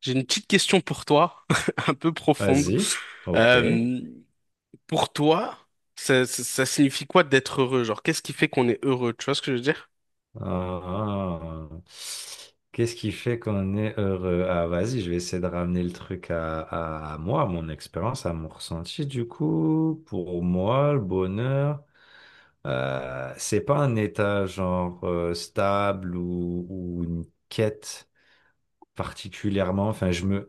J'ai une petite question pour toi, un peu profonde. Vas-y. Ok. Euh, pour toi, ça signifie quoi d'être heureux? Genre, qu'est-ce qui fait qu'on est heureux? Tu vois ce que je veux dire? Ah. Qu'est-ce qui fait qu'on est heureux? Ah, vas-y, je vais essayer de ramener le truc à moi, à mon expérience, à mon ressenti. Du coup, pour moi, le bonheur, c'est pas un état genre stable ou une quête particulièrement.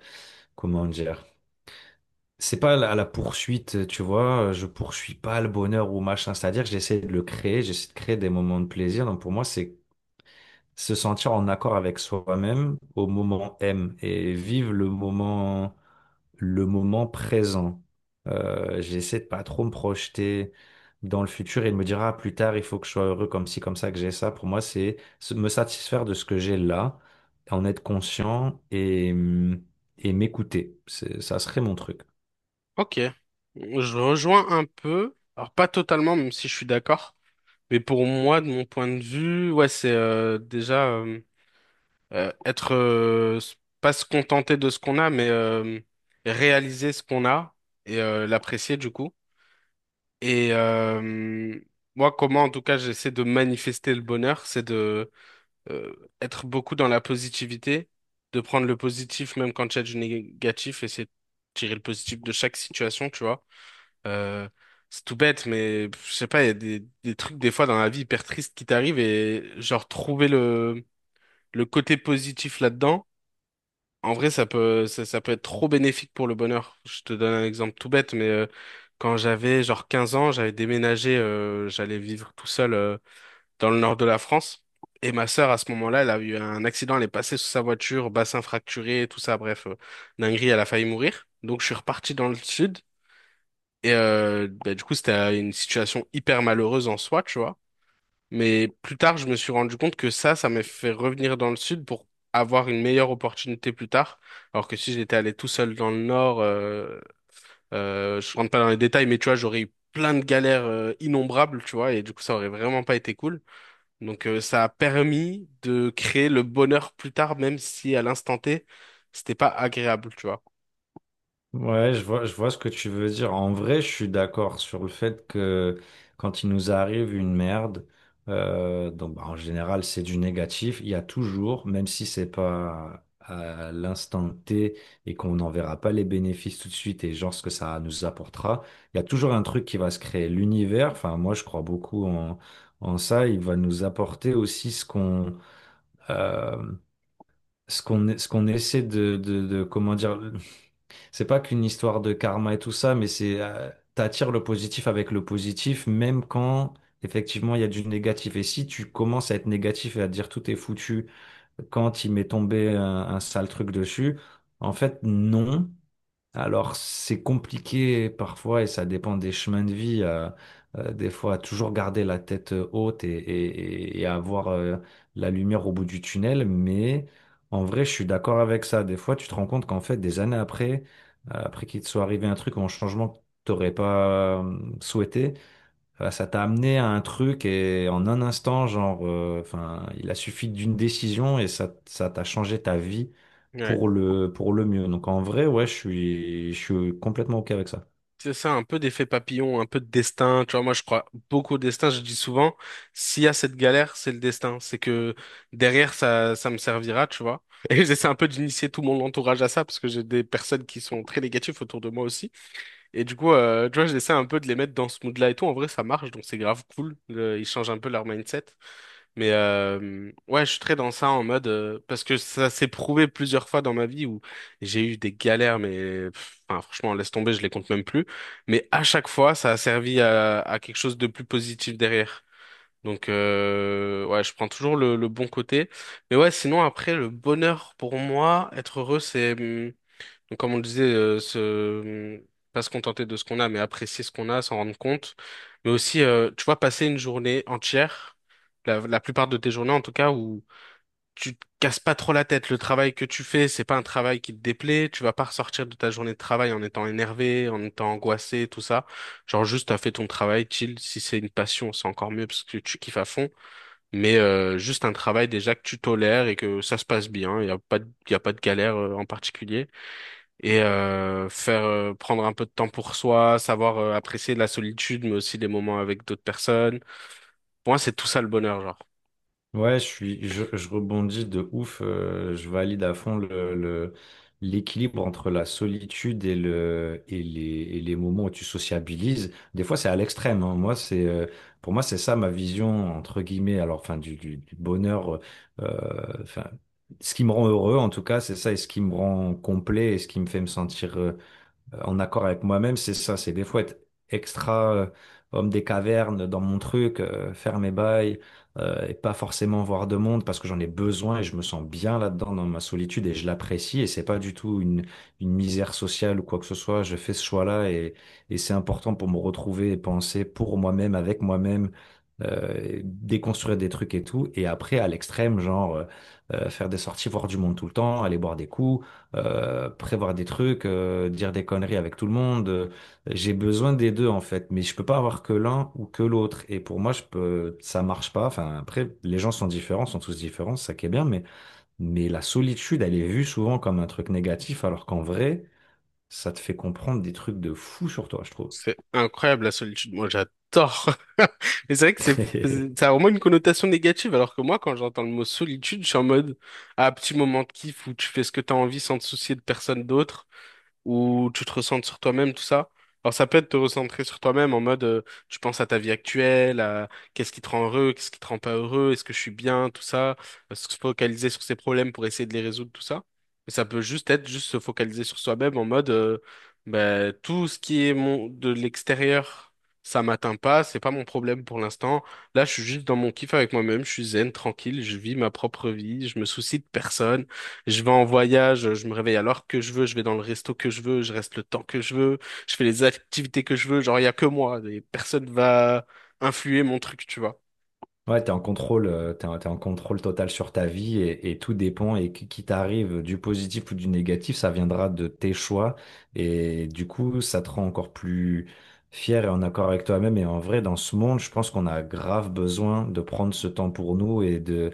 Comment dire? C'est pas à la poursuite, tu vois. Je poursuis pas le bonheur ou machin. C'est-à-dire que j'essaie de le créer, j'essaie de créer des moments de plaisir. Donc pour moi, c'est se sentir en accord avec soi-même au moment M et vivre le moment présent. J'essaie de pas trop me projeter dans le futur et de me dire, ah, plus tard, il faut que je sois heureux comme ci, comme ça, que j'ai ça. Pour moi, c'est me satisfaire de ce que j'ai là, en être conscient et m'écouter. Ça serait mon truc. Ok. Je rejoins un peu, alors pas totalement, même si je suis d'accord, mais pour moi, de mon point de vue, ouais, c'est déjà être pas se contenter de ce qu'on a, mais réaliser ce qu'on a et l'apprécier du coup. Et moi, comment en tout cas j'essaie de manifester le bonheur, c'est de euh, être beaucoup dans la positivité, de prendre le positif même quand il y a du négatif, essayer de tirer le positif de chaque situation, tu vois. Euh, c'est tout bête, mais pff, je sais pas, il y a des trucs des fois dans la vie hyper tristes qui t'arrivent et genre trouver le côté positif là-dedans en vrai, ça peut, ça peut être trop bénéfique pour le bonheur. Je te donne un exemple tout bête, mais quand j'avais genre 15 ans, j'avais déménagé, j'allais vivre tout seul dans le nord de la France. Et ma sœur, à ce moment-là, elle a eu un accident, elle est passée sous sa voiture, bassin fracturé, tout ça, bref, dinguerie, elle a failli mourir. Donc je suis reparti dans le sud. Et bah, du coup, c'était une situation hyper malheureuse en soi, tu vois. Mais plus tard, je me suis rendu compte que ça m'a fait revenir dans le sud pour avoir une meilleure opportunité plus tard. Alors que si j'étais allé tout seul dans le nord, je rentre pas dans les détails, mais tu vois, j'aurais eu plein de galères innombrables, tu vois, et du coup, ça aurait vraiment pas été cool. Donc, ça a permis de créer le bonheur plus tard, même si à l'instant T, c'était pas agréable, tu vois. Ouais, je vois ce que tu veux dire. En vrai, je suis d'accord sur le fait que quand il nous arrive une merde, donc bah, en général c'est du négatif. Il y a toujours, même si c'est pas à l'instant T et qu'on n'en verra pas les bénéfices tout de suite et genre ce que ça nous apportera, il y a toujours un truc qui va se créer. L'univers, enfin moi je crois beaucoup en, en ça. Il va nous apporter aussi euh, ce qu'on essaie de comment dire. C'est pas qu'une histoire de karma et tout ça, mais c'est t'attires le positif avec le positif, même quand effectivement il y a du négatif. Et si tu commences à être négatif et à te dire tout est foutu quand il m'est tombé un sale truc dessus, en fait non. Alors, c'est compliqué parfois et ça dépend des chemins de vie. Des fois, toujours garder la tête haute et avoir la lumière au bout du tunnel. Mais en vrai, je suis d'accord avec ça. Des fois, tu te rends compte qu'en fait, des années après, après qu'il te soit arrivé un truc ou un changement que tu n'aurais pas souhaité, voilà, ça t'a amené à un truc et en un instant, il a suffi d'une décision et ça t'a changé ta vie Ouais. pour pour le mieux. Donc en vrai, ouais, je suis complètement OK avec ça. C'est ça, un peu d'effet papillon, un peu de destin. Tu vois, moi, je crois beaucoup au destin. Je dis souvent, s'il y a cette galère, c'est le destin. C'est que derrière, ça me servira, tu vois. Et j'essaie un peu d'initier tout mon entourage à ça, parce que j'ai des personnes qui sont très négatives autour de moi aussi. Et du coup, tu vois, j'essaie un peu de les mettre dans ce mood-là et tout. En vrai, ça marche, donc c'est grave cool. Le- ils changent un peu leur mindset. Mais ouais, je suis très dans ça en mode parce que ça s'est prouvé plusieurs fois dans ma vie où j'ai eu des galères, mais pff, enfin, franchement, laisse tomber, je les compte même plus. Mais à chaque fois, ça a servi à quelque chose de plus positif derrière. Donc ouais, je prends toujours le bon côté. Mais ouais, sinon après, le bonheur pour moi, être heureux, c'est donc, comme on le disait, pas se contenter de ce qu'on a, mais apprécier ce qu'on a, s'en rendre compte. Mais aussi, tu vois, passer une journée entière, la plupart de tes journées en tout cas, où tu te casses pas trop la tête. Le travail que tu fais, c'est pas un travail qui te déplaît. Tu vas pas ressortir de ta journée de travail en étant énervé, en étant angoissé, tout ça. Genre juste, t'as fait ton travail, chill. Si c'est une passion, c'est encore mieux parce que tu kiffes à fond. Mais juste un travail déjà que tu tolères et que ça se passe bien. Il y a pas de, y a pas de galère en particulier et faire prendre un peu de temps pour soi, savoir apprécier la solitude, mais aussi les moments avec d'autres personnes. Pour moi, c'est tout ça le bonheur, genre. Ouais, je suis, je rebondis de ouf. Je valide à fond l'équilibre entre la solitude et et les moments où tu sociabilises. Des fois, c'est à l'extrême, hein. Moi, pour moi, c'est ça ma vision entre guillemets. Alors, enfin, du bonheur. Enfin, ce qui me rend heureux, en tout cas, c'est ça, et ce qui me rend complet, et ce qui me fait me sentir en accord avec moi-même, c'est ça, c'est des fois être extra homme des cavernes dans mon truc, faire mes bails et pas forcément voir de monde parce que j'en ai besoin et je me sens bien là-dedans dans ma solitude et je l'apprécie et c'est pas du tout une misère sociale ou quoi que ce soit. Je fais ce choix-là et c'est important pour me retrouver et penser pour moi-même, avec moi-même déconstruire des trucs et tout. Et après, à l'extrême, faire des sorties, voir du monde tout le temps, aller boire des coups, prévoir des trucs, dire des conneries avec tout le monde. J'ai besoin des deux en fait, mais je peux pas avoir que l'un ou que l'autre. Et pour moi, ça marche pas. Enfin, après, les gens sont différents, sont tous différents, c'est ça qui est bien, mais la solitude, elle est vue souvent comme un truc négatif, alors qu'en vrai, ça te fait comprendre des trucs de fou sur toi, je trouve. C'est incroyable la solitude. Moi, j'adore. Mais c'est vrai que ça a vraiment une connotation négative, alors que moi, quand j'entends le mot solitude, je suis en mode, ah, petit moment de kiff où tu fais ce que t'as envie sans te soucier de personne d'autre. Où tu te recentres sur toi-même, tout ça. Alors ça peut être te recentrer sur toi-même en mode tu penses à ta vie actuelle, à qu'est-ce qui te rend heureux, qu'est-ce qui te rend pas heureux, est-ce que je suis bien, tout ça, se focaliser sur ses problèmes pour essayer de les résoudre, tout ça. Mais ça peut juste être juste se focaliser sur soi-même en mode bah, tout ce qui est mon de l'extérieur, ça m'atteint pas, c'est pas mon problème pour l'instant. Là, je suis juste dans mon kiff avec moi-même, je suis zen, tranquille, je vis ma propre vie, je me soucie de personne. Je vais en voyage, je me réveille à l'heure que je veux, je vais dans le resto que je veux, je reste le temps que je veux, je fais les activités que je veux, genre il y a que moi, et personne va influer mon truc, tu vois. Ouais, t'es en contrôle, t'es en contrôle total sur ta vie et tout dépend et qui t'arrive du positif ou du négatif, ça viendra de tes choix et du coup, ça te rend encore plus fier et en accord avec toi-même. Et en vrai, dans ce monde, je pense qu'on a grave besoin de prendre ce temps pour nous et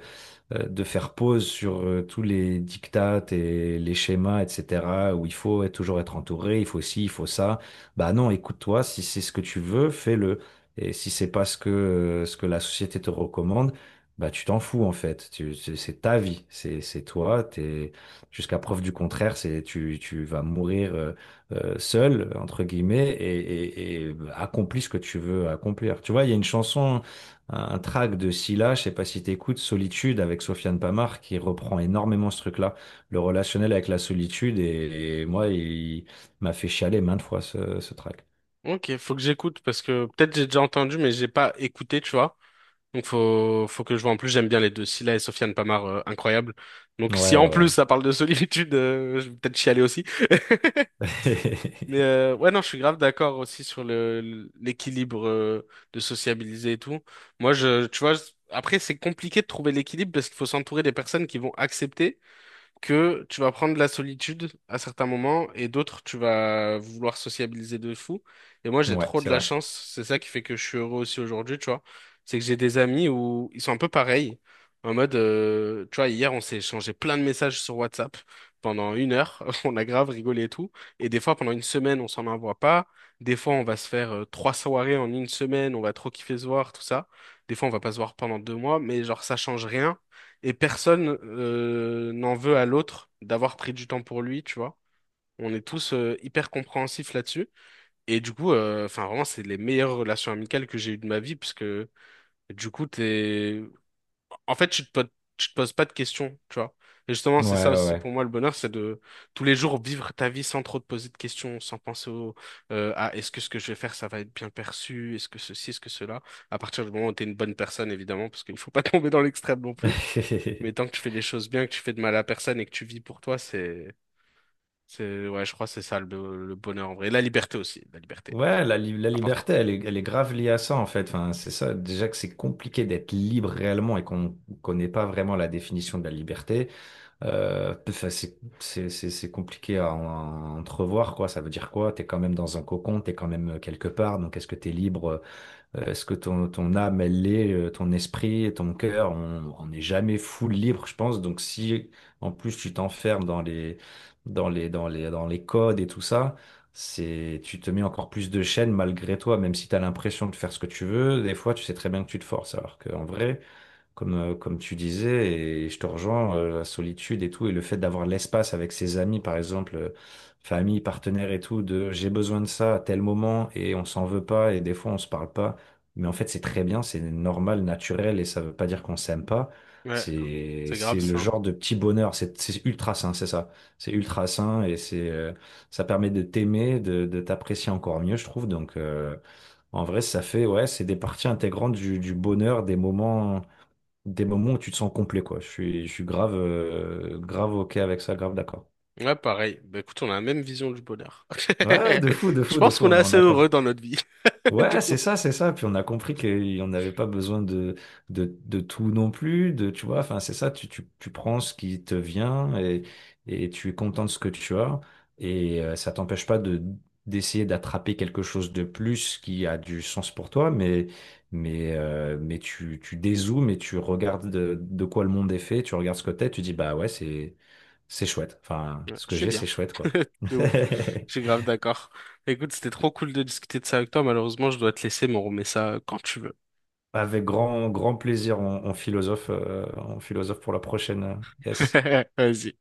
de faire pause sur tous les diktats et les schémas, etc., où il toujours être entouré, il faut ci, il faut ça. Bah non, écoute-toi, si c'est ce que tu veux, fais-le. Et si c'est pas ce que la société te recommande, bah tu t'en fous en fait. C'est ta vie, c'est toi, jusqu'à preuve du contraire, tu vas mourir seul, entre guillemets, et bah, accomplis ce que tu veux accomplir. Tu vois, il y a une chanson un track de Scylla, je sais pas si t'écoutes, Solitude avec Sofiane Pamart qui reprend énormément ce truc-là, le relationnel avec la solitude et moi il m'a fait chialer maintes fois ce track. Ok, faut que j'écoute parce que peut-être j'ai déjà entendu mais j'ai pas écouté, tu vois. Donc faut que je vois. En plus j'aime bien les deux, Scylla et Sofiane Pamar, incroyable. Donc Ouais si ouais en plus ouais. ça parle de solitude, je vais peut-être chialer aussi. Mais ouais, non, je suis grave d'accord aussi sur le l'équilibre de sociabiliser et tout. Moi, je, tu vois, je- Après, c'est compliqué de trouver l'équilibre parce qu'il faut s'entourer des personnes qui vont accepter que tu vas prendre de la solitude à certains moments et d'autres, tu vas vouloir sociabiliser de fou. Et moi, j'ai Ouais, trop de c'est la vrai. chance. C'est ça qui fait que je suis heureux aussi aujourd'hui, tu vois. C'est que j'ai des amis où ils sont un peu pareils. En mode, tu vois, hier, on s'est échangé plein de messages sur WhatsApp pendant 1 heure. On a grave rigolé et tout. Et des fois, pendant une semaine, on s'en envoie pas. Des fois, on va se faire 3 soirées en 1 semaine. On va trop kiffer se voir, tout ça. Des fois, on va pas se voir pendant 2 mois. Mais genre, ça change rien. Et personne n'en veut à l'autre d'avoir pris du temps pour lui, tu vois. On est tous hyper compréhensifs là-dessus. Et du coup, enfin vraiment, c'est les meilleures relations amicales que j'ai eues de ma vie, parce que du coup, t'es... En fait, tu te poses pas de questions, tu vois. Et justement, c'est ça Ouais aussi pour ouais moi le bonheur, c'est de tous les jours vivre ta vie sans trop te poser de questions, sans penser au ah, est-ce que ce que je vais faire, ça va être bien perçu, est-ce que ceci, est-ce que cela. À partir du moment où tu es une bonne personne, évidemment, parce qu'il faut pas tomber dans l'extrême non plus. Mais ouais. tant que tu fais les choses bien, que tu fais de mal à personne et que tu vis pour toi, c'est, ouais, je crois que c'est ça le bonheur en vrai. Et la liberté aussi, la liberté, Ouais, la important. liberté, elle est grave liée à ça en fait. Enfin, c'est ça. Déjà que c'est compliqué d'être libre réellement et qu'on ne connaît pas vraiment la définition de la liberté. C'est compliqué à, à entrevoir, quoi. Ça veut dire quoi? T'es quand même dans un cocon, t'es quand même quelque part. Donc, est-ce que t'es libre? Est-ce que ton, ton âme, elle l'est? Ton esprit, et ton cœur, on n'est jamais full libre, je pense. Donc, si en plus tu t'enfermes dans les codes et tout ça, c'est, tu te mets encore plus de chaînes malgré toi, même si t'as l'impression de faire ce que tu veux. Des fois, tu sais très bien que tu te forces, alors qu'en vrai comme tu disais, et je te rejoins, la solitude et tout, et le fait d'avoir l'espace avec ses amis, par exemple, famille, partenaire et tout, de j'ai besoin de ça à tel moment, et on s'en veut pas, et des fois on se parle pas. Mais en fait, c'est très bien, c'est normal, naturel, et ça veut pas dire qu'on s'aime pas. Ouais, c'est grave C'est le ça. genre de petit bonheur, c'est ultra sain, c'est ça. C'est ultra sain, et ça permet de t'aimer, de t'apprécier encore mieux, je trouve. Donc, en vrai, ça fait, ouais, c'est des parties intégrantes du bonheur, des moments où tu te sens complet, quoi. Je suis grave, grave OK avec ça, grave d'accord. Ouais, pareil. Bah écoute, on a la même vision du bonheur. Ouais, ouais, de fou, de Je fou, de pense fou, qu'on est on est en assez heureux accord. dans notre vie. Du Ouais, coup, c'est ça, c'est ça. Puis on a compris qu'on n'avait pas besoin de tout non plus, tu vois, enfin, c'est ça, tu prends ce qui te vient et tu es content de ce que tu as. Et ça t'empêche pas de, d'essayer d'attraper quelque chose de plus qui a du sens pour toi, mais tu dézoomes et tu regardes de quoi le monde est fait, tu regardes ce que t'es, tu dis, bah ouais, c'est chouette. Enfin, ouais, ce je que suis j'ai, bien, c'est chouette, quoi. de ouf. Je suis grave d'accord. Écoute, c'était trop cool de discuter de ça avec toi. Malheureusement, je dois te laisser, mais on remet ça quand tu veux. Avec grand, grand plaisir, on philosophe pour la prochaine. Yes. Vas-y.